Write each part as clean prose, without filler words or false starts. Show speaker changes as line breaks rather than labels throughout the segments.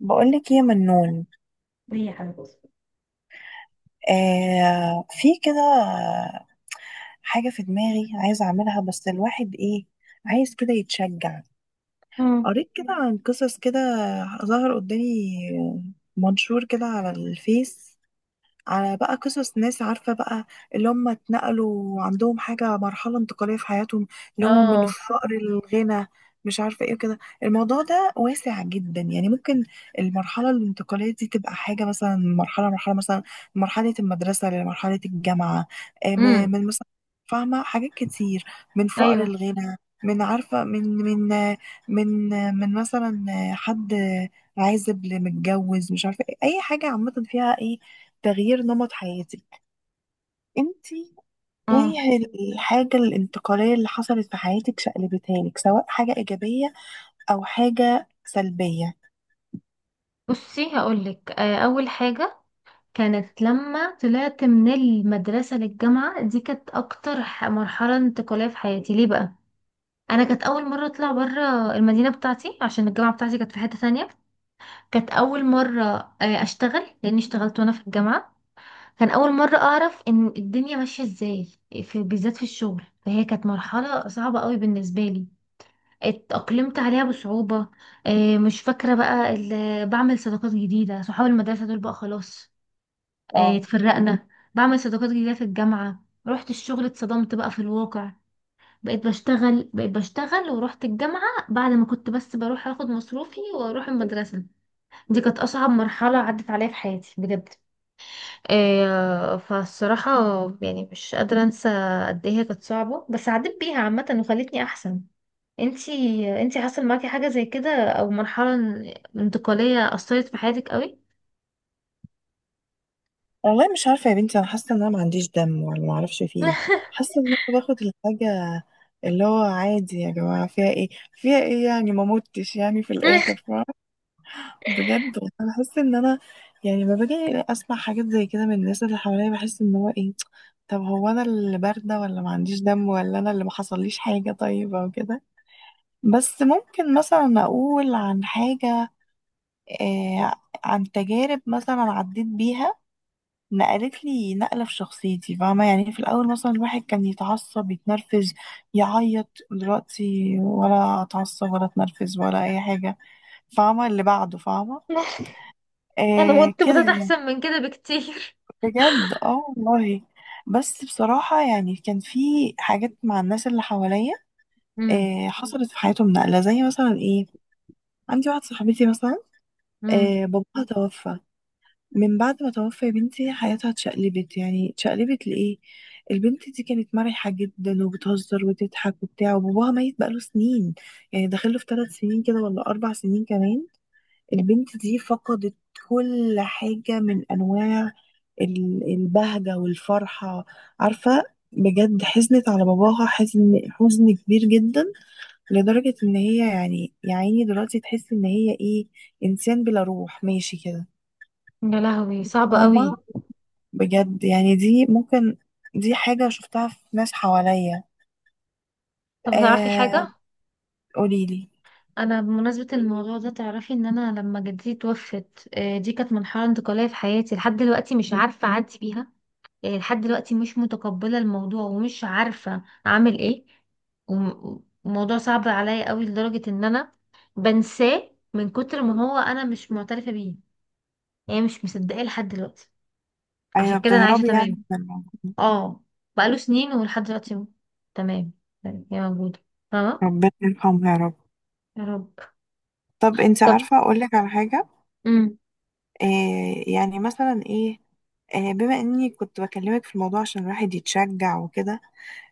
بقولك ايه يا منون.
هي حاجة.
آه، في كده. حاجة في دماغي عايزة اعملها بس الواحد ايه، عايز كده يتشجع.
امم
قريت كده عن قصص كده، ظهر قدامي منشور كده على الفيس، على بقى قصص ناس، عارفة بقى اللي هم اتنقلوا عندهم حاجة، مرحلة انتقالية في حياتهم، اللي هو من
اه
الفقر للغنى. مش عارفة ايه كده، الموضوع ده واسع جدا يعني. ممكن المرحلة الانتقالية دي تبقى حاجة، مثلا مرحلة مثلا مرحلة المدرسة لمرحلة الجامعة.
امم
من مثلا، فاهمة حاجات كتير، من فقر
ايوه.
الغنى، من عارفة من مثلا حد عازب لمتجوز، مش عارفة ايه. أي حاجة عامة فيها ايه، تغيير نمط حياتك انت.
اه.
ايه الحاجة الانتقالية اللي حصلت في حياتك، شقلبتها لك سواء حاجة ايجابية او حاجة سلبية؟
بصي هقولك، اول حاجه كانت لما طلعت من المدرسه للجامعه، دي كانت اكتر مرحله انتقاليه في حياتي. ليه بقى؟ انا كانت اول مره اطلع بره المدينه بتاعتي، عشان الجامعه بتاعتي كانت في حته تانية. كانت اول مره اشتغل، لاني اشتغلت وانا في الجامعه. كان اول مره اعرف ان الدنيا ماشيه ازاي، بالذات في الشغل. فهي كانت مرحله صعبه قوي بالنسبه لي، اتأقلمت عليها بصعوبة. مش فاكرة بقى بعمل صداقات جديدة. صحاب المدرسة دول بقى خلاص،
اه
اتفرقنا. بعمل صداقات جديدة في الجامعة، رحت الشغل اتصدمت بقى في الواقع. بقيت بشتغل، بقيت بشتغل ورحت الجامعة، بعد ما كنت بس بروح اخد مصروفي واروح المدرسة. دي كانت اصعب مرحلة عدت عليا في حياتي بجد. فالصراحة يعني مش قادرة انسى قد ايه هي كانت صعبة، بس عديت بيها عامة وخلتني احسن. انتي، حصل معاكي حاجة زي كده، او مرحلة انتقالية أثرت في حياتك قوي؟
والله مش عارفة يا بنتي. انا حاسة ان انا ما عنديش دم، ولا ما اعرفش في ايه. حاسة ان انا باخد الحاجة اللي هو عادي، يا جماعة فيها ايه، فيها ايه يعني، ما متش يعني في الاخر. بجد والله انا بحس ان انا يعني، لما باجي اسمع حاجات زي كده من الناس اللي حواليا، بحس ان هو ايه، طب هو انا اللي بارده، ولا ما عنديش دم، ولا انا اللي ما حصليش حاجه طيب او كده. بس ممكن مثلا اقول عن حاجه، آه، عن تجارب مثلا عديت بيها، نقلت لي نقله في شخصيتي. فاهمه؟ يعني في الاول مثلا الواحد كان يتعصب، يتنرفز، يعيط. دلوقتي ولا اتعصب ولا اتنرفز ولا اي حاجه. فاهمه؟ اللي بعده. فاهمه؟
انا
آه
متت
كده.
احسن من كده بكتير.
بجد اه والله. بس بصراحة يعني كان في حاجات مع الناس اللي حواليا
امم.
حصلت في حياتهم نقلة، زي مثلا ايه، عندي واحدة صاحبتي مثلا،
امم.
باباها توفى. من بعد ما توفى يا بنتي، حياتها اتشقلبت، يعني اتشقلبت لإيه. البنت دي كانت مرحة جدا، وبتهزر وتضحك وبتاع، وباباها ميت بقاله سنين. يعني داخله في ثلاث سنين كده، ولا أربع سنين كمان. البنت دي فقدت كل حاجة من أنواع ال- البهجة والفرحة. عارفة؟ بجد حزنت على باباها حزن كبير جدا، لدرجة إن هي يعني، يا عيني، دلوقتي تحس إن هي إيه، إنسان بلا روح ماشي كده.
يا لهوي، صعبة
فاهمة؟
قوي.
بجد يعني دي ممكن، دي حاجة شفتها في ناس حواليا.
طب تعرفي
آه،
حاجة؟
قوليلي.
انا بمناسبة الموضوع ده، تعرفي ان انا لما جدتي توفت، دي كانت مرحلة انتقالية في حياتي لحد دلوقتي مش عارفة اعدي بيها. يعني لحد دلوقتي مش متقبلة الموضوع ومش عارفة اعمل ايه. وموضوع صعب عليا قوي، لدرجة ان انا بنساه من كتر ما هو انا مش معترفة بيه. يعني مش مصدقاه لحد دلوقتي.
أيوة
عشان كده انا عايشة
بتهربي يعني
تمام.
من الموضوع.
اه، بقاله سنين ولحد دلوقتي هو تمام. يعني هي موجودة، فاهمة؟
ربنا يرحمها يا رب.
يا رب.
طب انت
طب.
عارفة اقولك على حاجة؟
امم.
آه يعني مثلا ايه، آه بما اني كنت بكلمك في الموضوع عشان الواحد يتشجع وكده،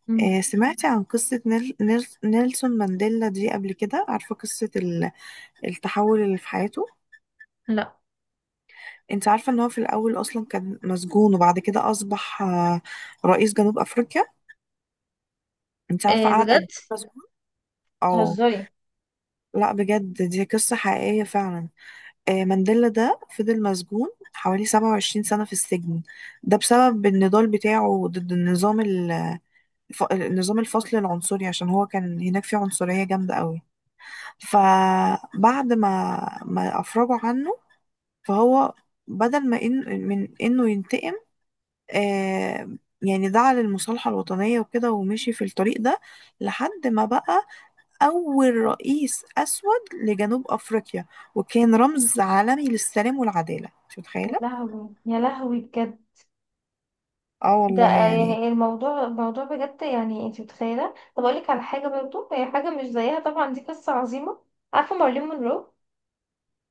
امم،
آه سمعتي عن قصة نيلسون مانديلا دي قبل كده؟ عارفة قصة ال- التحول اللي في حياته؟
لا.
انت عارفة ان هو في الاول اصلا كان مسجون، وبعد كده اصبح آه رئيس جنوب افريقيا؟ انت عارفة
إيه
قعد قد
بجد،
ايه مسجون؟ او
بتهزري؟
لا، بجد دي قصة حقيقية فعلا. آه، مانديلا ده فضل مسجون حوالي 27 سنة في السجن، ده بسبب النضال بتاعه ضد النظام، ف- نظام الفصل العنصري، عشان هو كان هناك فيه عنصرية جامدة قوي. فبعد ما أفرجوا عنه، فهو بدل ما إن من إنه ينتقم، آه، يعني دعا للمصالحة الوطنية وكده، ومشي في الطريق ده لحد ما بقى أول رئيس أسود لجنوب أفريقيا، وكان رمز عالمي للسلام والعدالة. مش
يا
متخيلة؟
لهوي، يا لهوي بجد.
اه
ده
والله يعني.
يعني الموضوع، الموضوع بجد يعني انت متخيله. طب اقول لك على حاجه برضو، هي حاجه مش زيها طبعا، دي قصه عظيمه. عارفه مارلين مونرو؟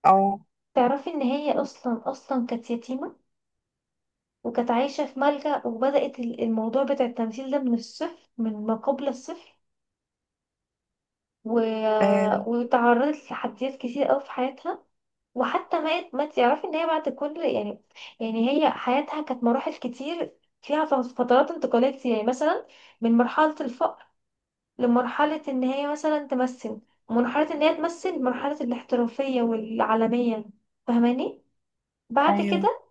اه.
تعرفي ان هي اصلا، اصلا كانت يتيمه وكانت عايشه في ملجأ، وبدأت الموضوع بتاع التمثيل ده من الصفر، من ما قبل الصفر. و...
آه،
وتعرضت لتحديات كتير قوي في حياتها. وحتى مات، ما تعرفي ان هي بعد كل يعني، يعني هي حياتها كانت مراحل كتير، فيها فترات انتقالات. يعني مثلا من مرحله الفقر لمرحلة ان هي مثلا تمثل، مرحلة ان هي تمثل مرحلة الاحترافية والعالمية، فاهماني؟ بعد
ايوه
كده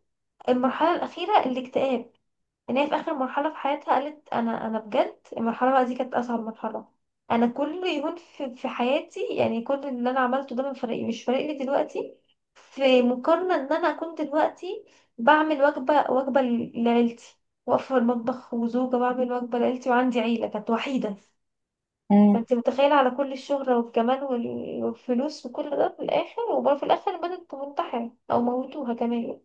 المرحلة الأخيرة الاكتئاب. ان هي في آخر مرحلة في حياتها قالت انا، بجد المرحلة بقى دي كانت أصعب مرحلة. انا كل يوم في حياتي، يعني كل اللي انا عملته ده من فريق مش فارق لي دلوقتي، في مقارنة ان انا اكون دلوقتي بعمل وجبة لعيلتي، واقفة في المطبخ وزوجة بعمل وجبة لعيلتي، وعندي عيلة، كانت وحيدة. فانت متخيلة؟ على كل الشهرة والجمال والفلوس وكل ده، في الآخر وبرضه في الآخر البنت تنتحر أو موتوها كمان.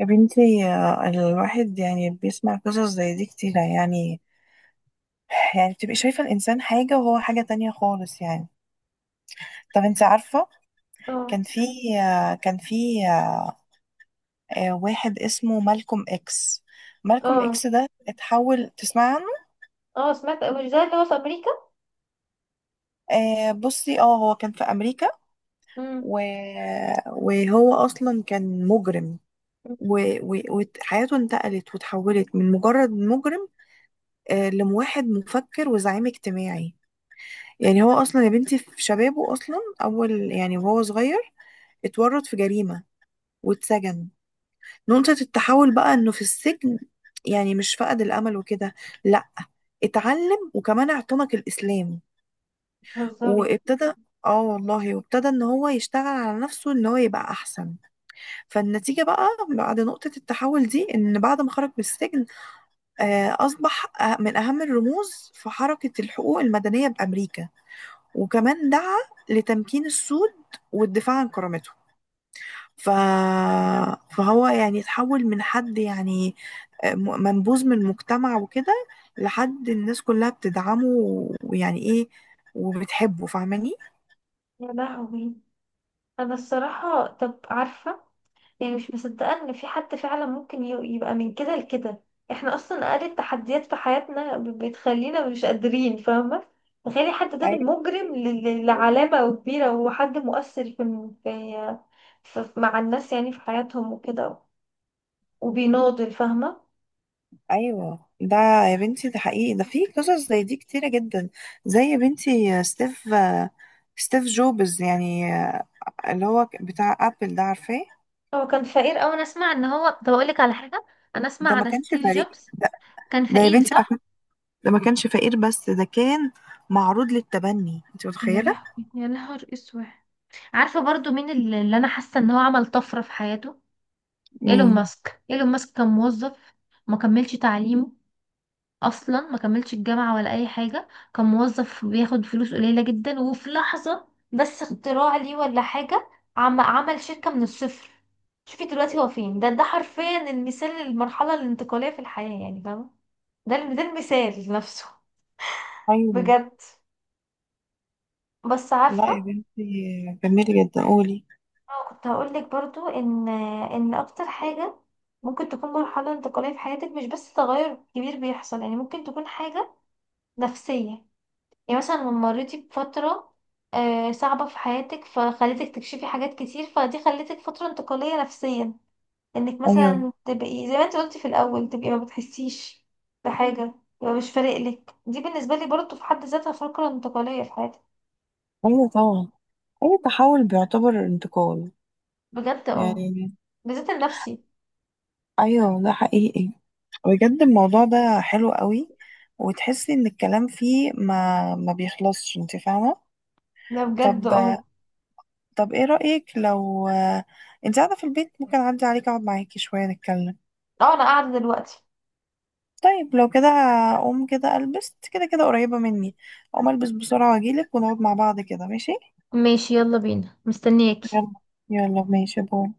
يا بنتي، الواحد يعني بيسمع قصص زي دي كتيرة يعني. يعني بتبقي شايفة الإنسان حاجة وهو حاجة تانية خالص يعني. طب انت عارفة
اه.
كان في آه، كان في آه، واحد اسمه مالكوم إكس؟ مالكوم
اه.
إكس ده اتحول، تسمع عنه؟
اه سمعت، مش ده اللي هو في أمريكا؟
آه، بصي اه هو كان في أمريكا،
امم.
و... وهو أصلا كان مجرم، و- و- وحياته انتقلت وتحولت من مجرد مجرم، آه، لواحد مفكر وزعيم اجتماعي. يعني هو اصلا يا بنتي في شبابه اصلا، اول يعني وهو صغير اتورط في جريمة واتسجن. نقطة التحول بقى انه في السجن يعني مش فقد الامل وكده، لا، اتعلم وكمان اعتنق الاسلام.
بتهزري؟
وابتدى، اه والله، وابتدى ان هو يشتغل على نفسه، ان هو يبقى احسن. فالنتيجة بقى، بعد نقطة التحول دي، ان بعد ما خرج من السجن، اصبح من اهم الرموز في حركة الحقوق المدنية بامريكا. وكمان دعا لتمكين السود والدفاع عن كرامته. ف... فهو يعني اتحول من حد يعني منبوذ من المجتمع وكده، لحد الناس كلها بتدعمه ويعني ايه، وبتحبه. فاهماني؟
يا لهوي، أنا الصراحة. طب عارفة، يعني مش مصدقة ان في حد فعلا ممكن يبقى من كده لكده. احنا اصلا اقل التحديات في حياتنا بتخلينا مش قادرين، فاهمة؟ تخيلي حد ده
أي-
من مجرم لعلامة كبيرة، وحد مؤثر في، مع الناس يعني في حياتهم وكده، وبيناضل، فاهمة؟
ايوه ده. يا بنتي ده حقيقي، ده في قصص زي دي كتيرة جدا. زي يا بنتي ستيف جوبز يعني، آه، اللي هو بتاع ابل، ده عارفاه؟
هو كان فقير أوي، أنا أسمع إن هو، طب أقولك على حاجة. أنا أسمع
ده ما
عن
كانش
ستيف
فريق،
جوبز
ده,
كان
ده يا
فقير،
بنتي،
صح؟
ده ما كانش فقير، بس ده كان معروض للتبني. انت
يا
متخيلة؟
لهوي، يا نهار اسود. عارفة برضو مين اللي أنا حاسة إن هو عمل طفرة في حياته؟ ايلون
مين؟
ماسك. ايلون ماسك كان موظف، ما كملش تعليمه، اصلا ما كملش الجامعه ولا اي حاجه. كان موظف بياخد فلوس قليله جدا، وفي لحظه بس اختراع ليه ولا حاجه، عمل شركه من الصفر. شوفي دلوقتي هو فين. ده ده حرفيا المثال للمرحله الانتقاليه في الحياه، يعني فاهمه؟ ده ده المثال نفسه.
ايوه.
بجد. بس
لا يا
عارفه،
بنتي جميل جدا، قولي.
اه كنت هقولك برضو ان، ان اكتر حاجه ممكن تكون مرحله انتقاليه في حياتك مش بس تغير كبير بيحصل. يعني ممكن تكون حاجه نفسية. يعني مثلا لما مريتي بفترة صعبة في حياتك فخلتك تكشفي حاجات كتير، فدي خلتك فترة انتقالية نفسيا. انك
ايوه.
مثلا تبقي زي ما انت قلتي في الأول، تبقي ما بتحسيش بحاجة، يبقى مش فارق لك، دي بالنسبة لي برضه في حد ذاتها فترة انتقالية في حياتي.
ايوه طبعا، اي تحول بيعتبر انتقال
بجد اه،
يعني.
بالذات النفسي.
ايوه ده حقيقي. بجد الموضوع ده حلو قوي، وتحسي ان الكلام فيه ما بيخلصش. انت فاهمة؟
ده بجد
طب،
اه.
طب ايه رأيك لو، انت قاعدة في البيت ممكن اعدي عليك اقعد معاكي شوية نتكلم؟
اه انا قاعدة دلوقتي.
طيب لو كده هقوم كده البس، كده كده قريبة مني. اقوم البس بسرعة واجيلك ونقعد مع بعض كده، ماشي؟
ماشي، يلا بينا، مستنياكي.
يلا. يلا ماشي، باي.